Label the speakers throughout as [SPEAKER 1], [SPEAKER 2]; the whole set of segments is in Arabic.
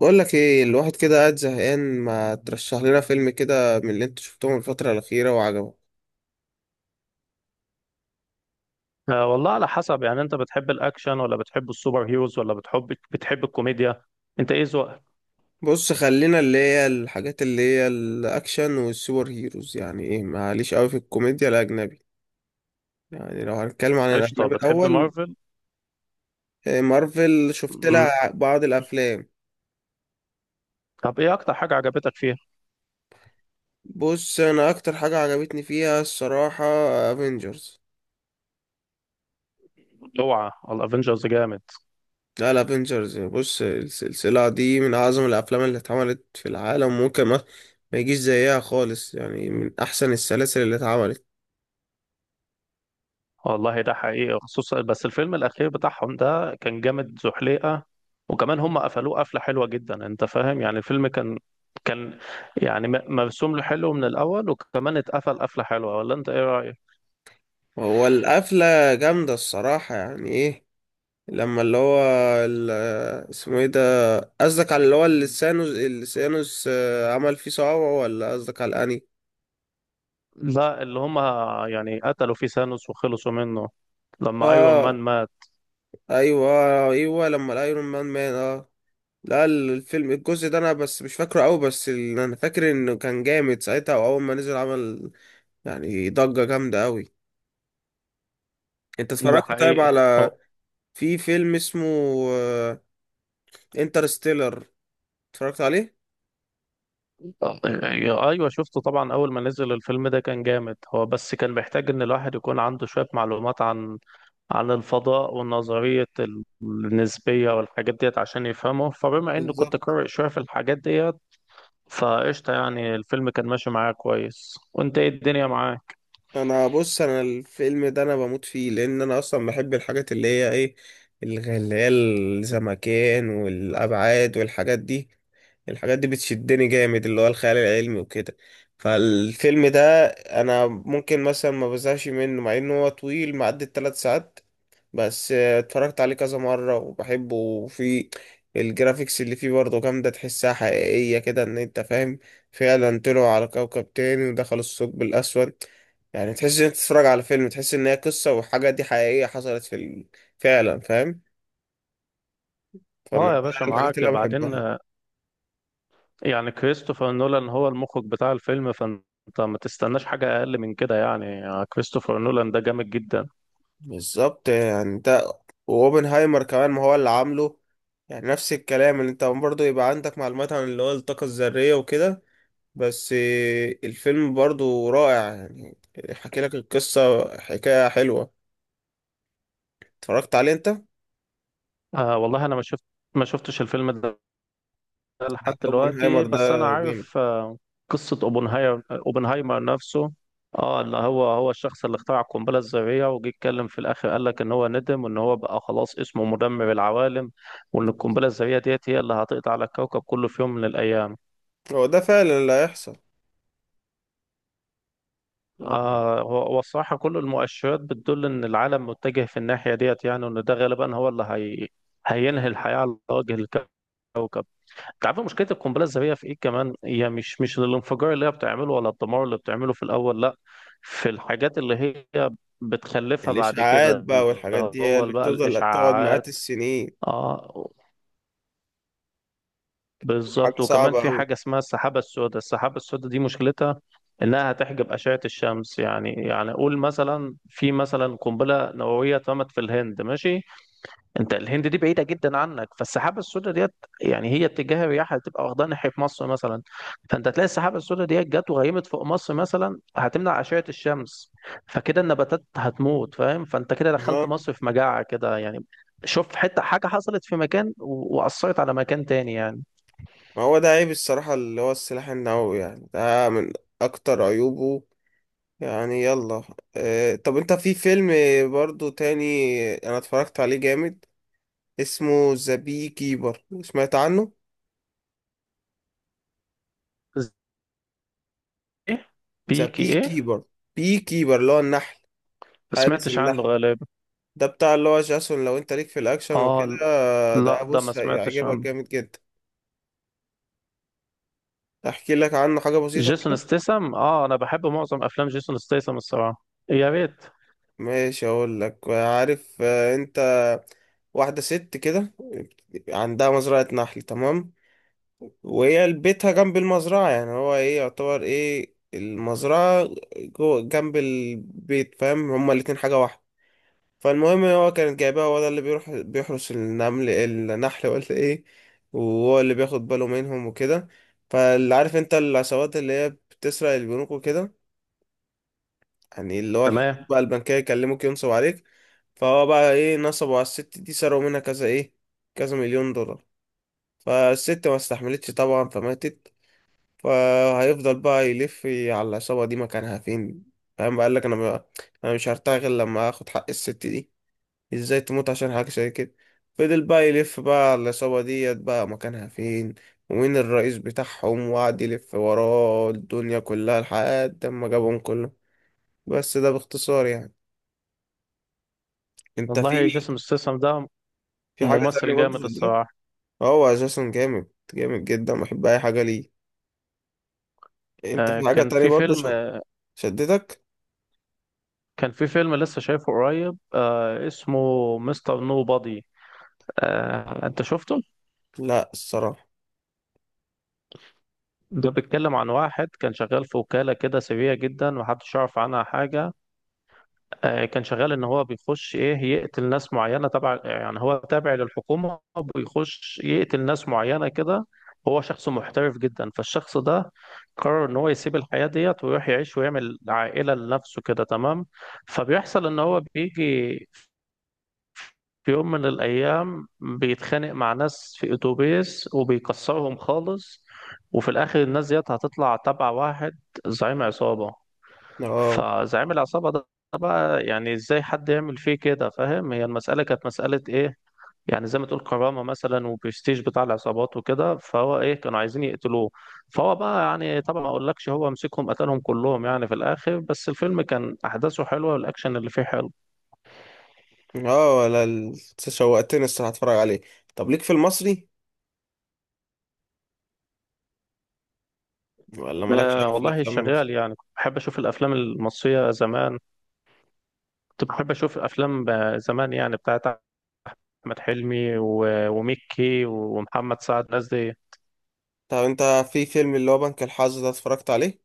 [SPEAKER 1] بقول لك ايه. الواحد كده قاعد زهقان، ما ترشح لنا فيلم كده من اللي انت شفتهم الفترة الأخيرة وعجبك.
[SPEAKER 2] آه، والله على حسب. يعني انت بتحب الاكشن ولا بتحب السوبر هيروز ولا بتحب الكوميديا؟ انت ايه ذوقك؟
[SPEAKER 1] بص، خلينا اللي هي الحاجات اللي هي الأكشن والسوبر هيروز. يعني ايه، معليش قوي في الكوميديا الأجنبي. يعني لو هنتكلم عن
[SPEAKER 2] قشطه،
[SPEAKER 1] الأجنبي
[SPEAKER 2] بتحب
[SPEAKER 1] الأول.
[SPEAKER 2] مارفل؟
[SPEAKER 1] إيه، مارفل شفت
[SPEAKER 2] مم.
[SPEAKER 1] لها بعض الأفلام.
[SPEAKER 2] طب ايه اكتر حاجه عجبتك فيها؟
[SPEAKER 1] بص، أنا أكتر حاجة عجبتني فيها الصراحة افنجرز.
[SPEAKER 2] اوعى الافنجرز جامد.
[SPEAKER 1] لا لا، افنجرز بص، السلسلة دي من أعظم الأفلام اللي اتعملت في العالم، وممكن ما يجيش زيها خالص، يعني من أحسن السلاسل اللي اتعملت.
[SPEAKER 2] والله ده حقيقي، خصوصا بس الفيلم الاخير بتاعهم ده كان جامد زحليقه. وكمان هم قفلوه قفله حلوه جدا، انت فاهم؟ يعني الفيلم كان يعني مرسوم له حلو من الاول، وكمان اتقفل قفله حلوه، ولا انت ايه رايك؟
[SPEAKER 1] هو القفلة جامدة الصراحة. يعني إيه لما اللي هو ال- اسمه إيه ده، قصدك على اللي هو اللي ثانوس عمل فيه صعوبة، ولا قصدك على الأني؟
[SPEAKER 2] لا اللي هم يعني قتلوا فيه ثانوس وخلصوا منه لما ايرون مان
[SPEAKER 1] آه،
[SPEAKER 2] مات.
[SPEAKER 1] أيوه، أيوه لما الأيرون مان آه. لا الفيلم الجزء ده انا بس مش فاكره قوي، بس انا فاكر انه كان جامد ساعتها، واول ما نزل عمل يعني ضجة جامدة قوي. انت
[SPEAKER 2] ده
[SPEAKER 1] اتفرجت طيب
[SPEAKER 2] حقيقي.
[SPEAKER 1] على،
[SPEAKER 2] هو
[SPEAKER 1] في فيلم اسمه انترستيلر، اتفرجت عليه؟
[SPEAKER 2] ايوه شفته طبعا، اول ما نزل الفيلم ده كان جامد. هو بس كان محتاج ان الواحد يكون عنده شويه معلومات عن الفضاء ونظريه النسبيه والحاجات ديت عشان يفهمه، فبما اني كنت
[SPEAKER 1] بالظبط،
[SPEAKER 2] قارئ شويه في الحاجات ديت فقشطه. يعني الفيلم كان ماشي معايا كويس. وانت ايه الدنيا معاك؟
[SPEAKER 1] انا بص، انا الفيلم ده انا بموت فيه، لان انا اصلا بحب الحاجات اللي هي ايه، اللي هي الزمكان والابعاد والحاجات دي. الحاجات دي بتشدني جامد، اللي هو الخيال العلمي وكده. فالفيلم ده انا ممكن مثلا ما بزهقش منه، مع انه هو طويل معدي 3 ساعات. بس اتفرجت عليه كذا مرة وبحبه. وفي الجرافيكس اللي فيه برضه جامدة، تحسها حقيقية كده، ان انت فاهم. فعلا طلعوا على كوكب تاني ودخلوا الثقب الأسود. يعني تحس ان انت تتفرج على فيلم، تحس ان هي قصة، وحاجة دي حقيقية حصلت في فعلا، فاهم؟ فانا
[SPEAKER 2] اه يا
[SPEAKER 1] دي
[SPEAKER 2] باشا،
[SPEAKER 1] الحاجات
[SPEAKER 2] معاك
[SPEAKER 1] اللي انا
[SPEAKER 2] بعدين.
[SPEAKER 1] بحبها.
[SPEAKER 2] يعني كريستوفر نولان هو المخرج بتاع الفيلم، فانت ما تستناش حاجة أقل من كده. يعني كريستوفر نولان ده جامد جدا.
[SPEAKER 1] بالظبط، يعني ده واوبنهايمر كمان، ما هو اللي عامله. يعني نفس الكلام، اللي انت برضه يبقى عندك معلومات عن اللي هو الطاقة الذرية وكده. بس الفيلم برضو رائع يعني. حكي لك القصة حكاية حلوة. اتفرجت عليه انت؟
[SPEAKER 2] آه والله، أنا ما شفتش الفيلم ده لحد
[SPEAKER 1] لا،
[SPEAKER 2] دلوقتي،
[SPEAKER 1] اوبنهايمر ده
[SPEAKER 2] بس أنا
[SPEAKER 1] جامد.
[SPEAKER 2] عارف. آه، قصة أوبنهايمر، أوبنهايمر نفسه. اه اللي هو هو الشخص اللي اخترع القنبلة الذرية، وجي يتكلم في الآخر قال لك إن هو ندم وإن هو بقى خلاص اسمه مدمر العوالم، وإن القنبلة الذرية ديت هي اللي هتقضي على الكوكب كله في يوم من الأيام.
[SPEAKER 1] هو ده فعلا اللي هيحصل يعني.
[SPEAKER 2] آه، هو الصراحة كل المؤشرات بتدل إن العالم متجه في الناحية ديت، يعني وإن ده غالبا هو اللي هي هينهي الحياة على وجه الكوكب. أنت عارف مشكلة القنبلة الذرية في إيه كمان؟ هي مش الانفجار اللي هي بتعمله ولا الدمار اللي بتعمله في الأول، لأ. في الحاجات اللي هي بتخلفها بعد
[SPEAKER 1] الإشاعات
[SPEAKER 2] كده،
[SPEAKER 1] بقى
[SPEAKER 2] اللي
[SPEAKER 1] والحاجات دي هي
[SPEAKER 2] هو
[SPEAKER 1] اللي
[SPEAKER 2] بقى
[SPEAKER 1] بتفضل تقعد
[SPEAKER 2] الإشعاعات.
[SPEAKER 1] مئات السنين.
[SPEAKER 2] آه، بالظبط.
[SPEAKER 1] حاجة
[SPEAKER 2] وكمان
[SPEAKER 1] صعبة
[SPEAKER 2] في
[SPEAKER 1] أوي.
[SPEAKER 2] حاجة اسمها السحابة السوداء. السحابة السوداء دي مشكلتها إنها هتحجب أشعة الشمس. يعني قول مثلا، في مثلا قنبلة نووية اترمت في الهند ماشي، أنت الهند دي بعيدة جدا عنك، فالسحابة السوداء ديت يعني هي اتجاه الرياح هتبقى واخدها ناحية مصر مثلا. فأنت تلاقي السحابة السوداء ديت جت وغيمت فوق مصر مثلا، هتمنع أشعة الشمس. فكده النباتات هتموت، فاهم؟ فأنت كده دخلت
[SPEAKER 1] تمام.
[SPEAKER 2] مصر في مجاعة كده يعني. شوف حتة حاجة حصلت في مكان وأثرت على مكان تاني يعني.
[SPEAKER 1] ما هو ده عيب الصراحة، اللي هو السلاح النووي، يعني ده من أكتر عيوبه. يعني يلا. اه، طب أنت في فيلم برضو تاني أنا اتفرجت عليه جامد، اسمه ذا بي كيبر، سمعت عنه؟
[SPEAKER 2] ايه؟
[SPEAKER 1] ذا
[SPEAKER 2] بيكي
[SPEAKER 1] بي
[SPEAKER 2] ايه؟
[SPEAKER 1] كيبر، بي كيبر اللي هو النحل،
[SPEAKER 2] ما
[SPEAKER 1] حارس
[SPEAKER 2] سمعتش عنه
[SPEAKER 1] النحل.
[SPEAKER 2] غالبا.
[SPEAKER 1] ده بتاع اللي هو جاسون. لو انت ليك في الاكشن
[SPEAKER 2] اه ل-
[SPEAKER 1] وكده،
[SPEAKER 2] لا
[SPEAKER 1] ده
[SPEAKER 2] ده ما
[SPEAKER 1] بص
[SPEAKER 2] سمعتش
[SPEAKER 1] هيعجبك
[SPEAKER 2] عنه.
[SPEAKER 1] جامد جدا. احكي لك عنه حاجة بسيطة
[SPEAKER 2] جيسون
[SPEAKER 1] كده.
[SPEAKER 2] ستيسم، اه انا بحب معظم افلام جيسون ستيسم الصراحه، يا ريت.
[SPEAKER 1] ماشي، اقول لك، عارف انت، واحدة ست كده عندها مزرعة نحل، تمام؟ وهي بيتها جنب المزرعة، يعني هو ايه، يعتبر ايه، المزرعة جوه جنب البيت، فاهم؟ هما الاتنين حاجة واحدة. فالمهم هو كانت جايباه، هو ده اللي بيروح بيحرس النمل النحل ولا ايه، وهو اللي بياخد باله منهم وكده. فاللي عارف انت العصابات اللي هي بتسرق البنوك وكده، يعني اللي هو الحساب
[SPEAKER 2] تمام.
[SPEAKER 1] بقى البنكية، يكلموك ينصب عليك. فهو بقى ايه، نصبوا على الست دي، سرقوا منها كذا ايه، كذا مليون دولار. فالست ما استحملتش طبعا فماتت. فهيفضل بقى يلف على العصابة دي مكانها فين. فاهم؟ بقى قال لك انا بقى، انا مش هرتاح غير لما اخد حق الست دي. ازاي تموت عشان حاجة زي كده؟ فضل بقى يلف بقى على العصابة ديت بقى، مكانها فين، ومين الرئيس بتاعهم، وقعد يلف وراه الدنيا كلها لحد ما جابهم كلهم. بس ده باختصار يعني. انت في
[SPEAKER 2] والله جيسون ستيسم ده
[SPEAKER 1] في حاجة
[SPEAKER 2] ممثل
[SPEAKER 1] تانية برضو
[SPEAKER 2] جامد
[SPEAKER 1] في الدراما.
[SPEAKER 2] الصراحه.
[SPEAKER 1] هو اساسا جامد، جامد جدا، بحب اي حاجة ليه. انت
[SPEAKER 2] آه،
[SPEAKER 1] في حاجة تانية برضو شدتك؟
[SPEAKER 2] كان في فيلم لسه شايفه قريب، آه، اسمه مستر نو بادي. آه، انت شفته؟
[SPEAKER 1] لا الصراحة.
[SPEAKER 2] ده بيتكلم عن واحد كان شغال في وكاله كده سريه جدا، محدش يعرف عنها حاجه. آه، كان شغال ان هو بيخش ايه يقتل ناس معينه، تبع يعني، هو تابع للحكومه. بيخش يقتل ناس معينه كده. هو شخص محترف جدا. فالشخص ده قرر ان هو يسيب الحياه ديت ويروح يعيش ويعمل عائله لنفسه كده، تمام. فبيحصل ان هو بيجي في يوم من الايام بيتخانق مع ناس في اتوبيس وبيكسرهم خالص. وفي الاخر الناس ديت هتطلع تبع واحد زعيم عصابه.
[SPEAKER 1] اه.
[SPEAKER 2] فزعيم العصابة ده بقى يعني ازاي حد يعمل فيه كده، فاهم؟ هي المسألة كانت مسألة ايه يعني، زي ما تقول كرامة مثلا وبرستيج بتاع العصابات وكده. فهو ايه كانوا عايزين يقتلوه. فهو بقى يعني طبعا ما اقولكش، هو مسكهم قتلهم كلهم يعني في الاخر. بس الفيلم كان احداثه حلوة والاكشن اللي فيه حلو.
[SPEAKER 1] اه، ولا شوقتني الصراحة اتفرج عليه. طب ليك في المصري، ولا مالكش أوي
[SPEAKER 2] آه
[SPEAKER 1] في
[SPEAKER 2] والله
[SPEAKER 1] الافلام؟
[SPEAKER 2] شغال يعني. كنت بحب اشوف الافلام المصرية زمان، كنت بحب اشوف افلام آه، زمان يعني بتاعت احمد حلمي وميكي ومحمد سعد، الناس دي.
[SPEAKER 1] طب انت في فيلم اللي هو بنك الحظ ده اتفرجت عليه؟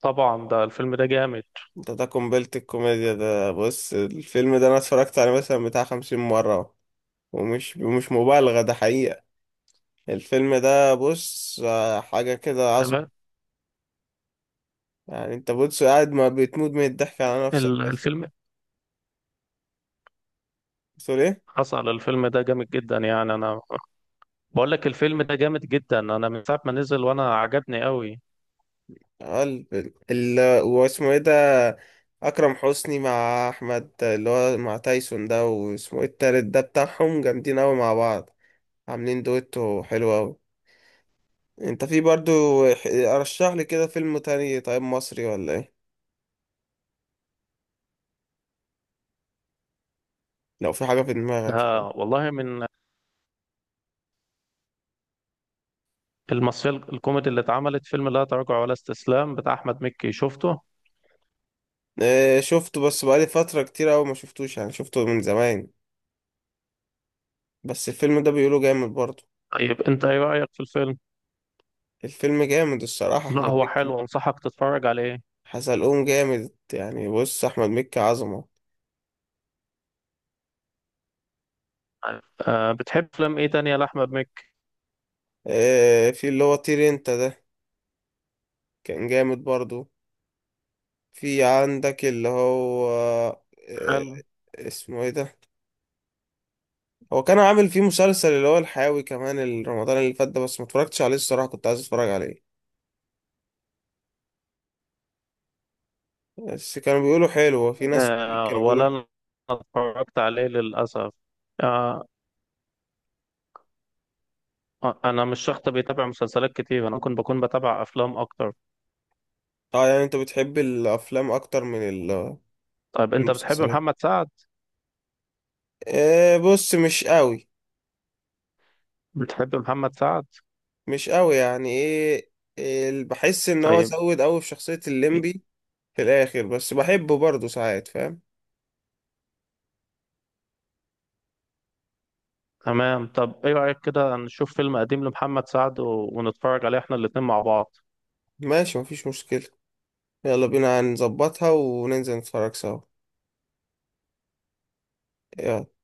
[SPEAKER 2] طبعا ده الفيلم ده جامد.
[SPEAKER 1] انت ده قنبلة الكوميديا. ده بص الفيلم ده انا اتفرجت عليه مثلا بتاع 50 مرة اهو. ومش مش مبالغة، ده حقيقة. الفيلم ده بص حاجة كده عظمة.
[SPEAKER 2] تمام.
[SPEAKER 1] يعني انت بص قاعد ما بتموت من الضحك على نفسك بس.
[SPEAKER 2] الفيلم،
[SPEAKER 1] بتقول ايه؟
[SPEAKER 2] حصل الفيلم ده جامد جدا يعني، انا بقول لك الفيلم ده جامد جدا. انا من ساعه ما نزل وانا عجبني قوي.
[SPEAKER 1] اه، واسمه ايه ده، اكرم حسني مع احمد اللي هو مع تايسون ده، واسمه ايه التالت ده بتاعهم، جامدين اوي مع بعض، عاملين دويتو حلو اوي. انت في برضو، ارشح لي كده فيلم تاني طيب، مصري ولا ايه، لو في حاجة في
[SPEAKER 2] ده
[SPEAKER 1] دماغك يعني.
[SPEAKER 2] والله من المصريه الكوميدي اللي اتعملت. فيلم لا تراجع ولا استسلام بتاع احمد مكي شفته؟
[SPEAKER 1] اه شفته، بس بقالي فترة كتير اوي ما شفتوش يعني، شفته من زمان، بس الفيلم ده بيقولوا جامد برضو.
[SPEAKER 2] طيب انت ايه رايك في الفيلم؟
[SPEAKER 1] الفيلم جامد الصراحة،
[SPEAKER 2] لا
[SPEAKER 1] احمد
[SPEAKER 2] هو
[SPEAKER 1] مكي
[SPEAKER 2] حلو، انصحك تتفرج عليه.
[SPEAKER 1] حزلقوم جامد يعني. بص احمد مكي عظمة.
[SPEAKER 2] طيب، أه بتحب فيلم ايه تاني لاحمد مكي؟
[SPEAKER 1] اه، في اللي هو طير انت ده، كان جامد برضو. في عندك اللي هو
[SPEAKER 2] حلو.
[SPEAKER 1] اسمه ايه ده، هو كان عامل فيه مسلسل اللي هو الحاوي كمان رمضان اللي فات ده، بس ما اتفرجتش عليه الصراحة، كنت عايز اتفرج عليه، بس كانوا بيقولوا حلو، في ناس
[SPEAKER 2] أه
[SPEAKER 1] كانوا بيقولوا
[SPEAKER 2] ولا
[SPEAKER 1] حلو.
[SPEAKER 2] انا اتفرجت عليه للاسف. أه، انا مش شخص بيتابع مسلسلات كتير، انا ممكن بكون بتابع افلام اكتر.
[SPEAKER 1] اه، يعني انت بتحب الافلام اكتر من
[SPEAKER 2] طيب
[SPEAKER 1] من
[SPEAKER 2] انت بتحب
[SPEAKER 1] المسلسلات؟
[SPEAKER 2] محمد سعد؟
[SPEAKER 1] آه، بص مش قوي.
[SPEAKER 2] بتحب محمد سعد؟
[SPEAKER 1] مش قوي يعني ايه، بحس ان هو
[SPEAKER 2] طيب،
[SPEAKER 1] زود قوي في شخصية
[SPEAKER 2] إيه،
[SPEAKER 1] الليمبي في الاخر، بس بحبه برضه ساعات، فاهم؟
[SPEAKER 2] تمام. طب ايه رأيك كده نشوف فيلم قديم لمحمد سعد ونتفرج عليه احنا الاتنين مع بعض؟
[SPEAKER 1] ماشي، مفيش مشكلة. يلا بينا، هنظبطها وننزل نتفرج سوا. يلا.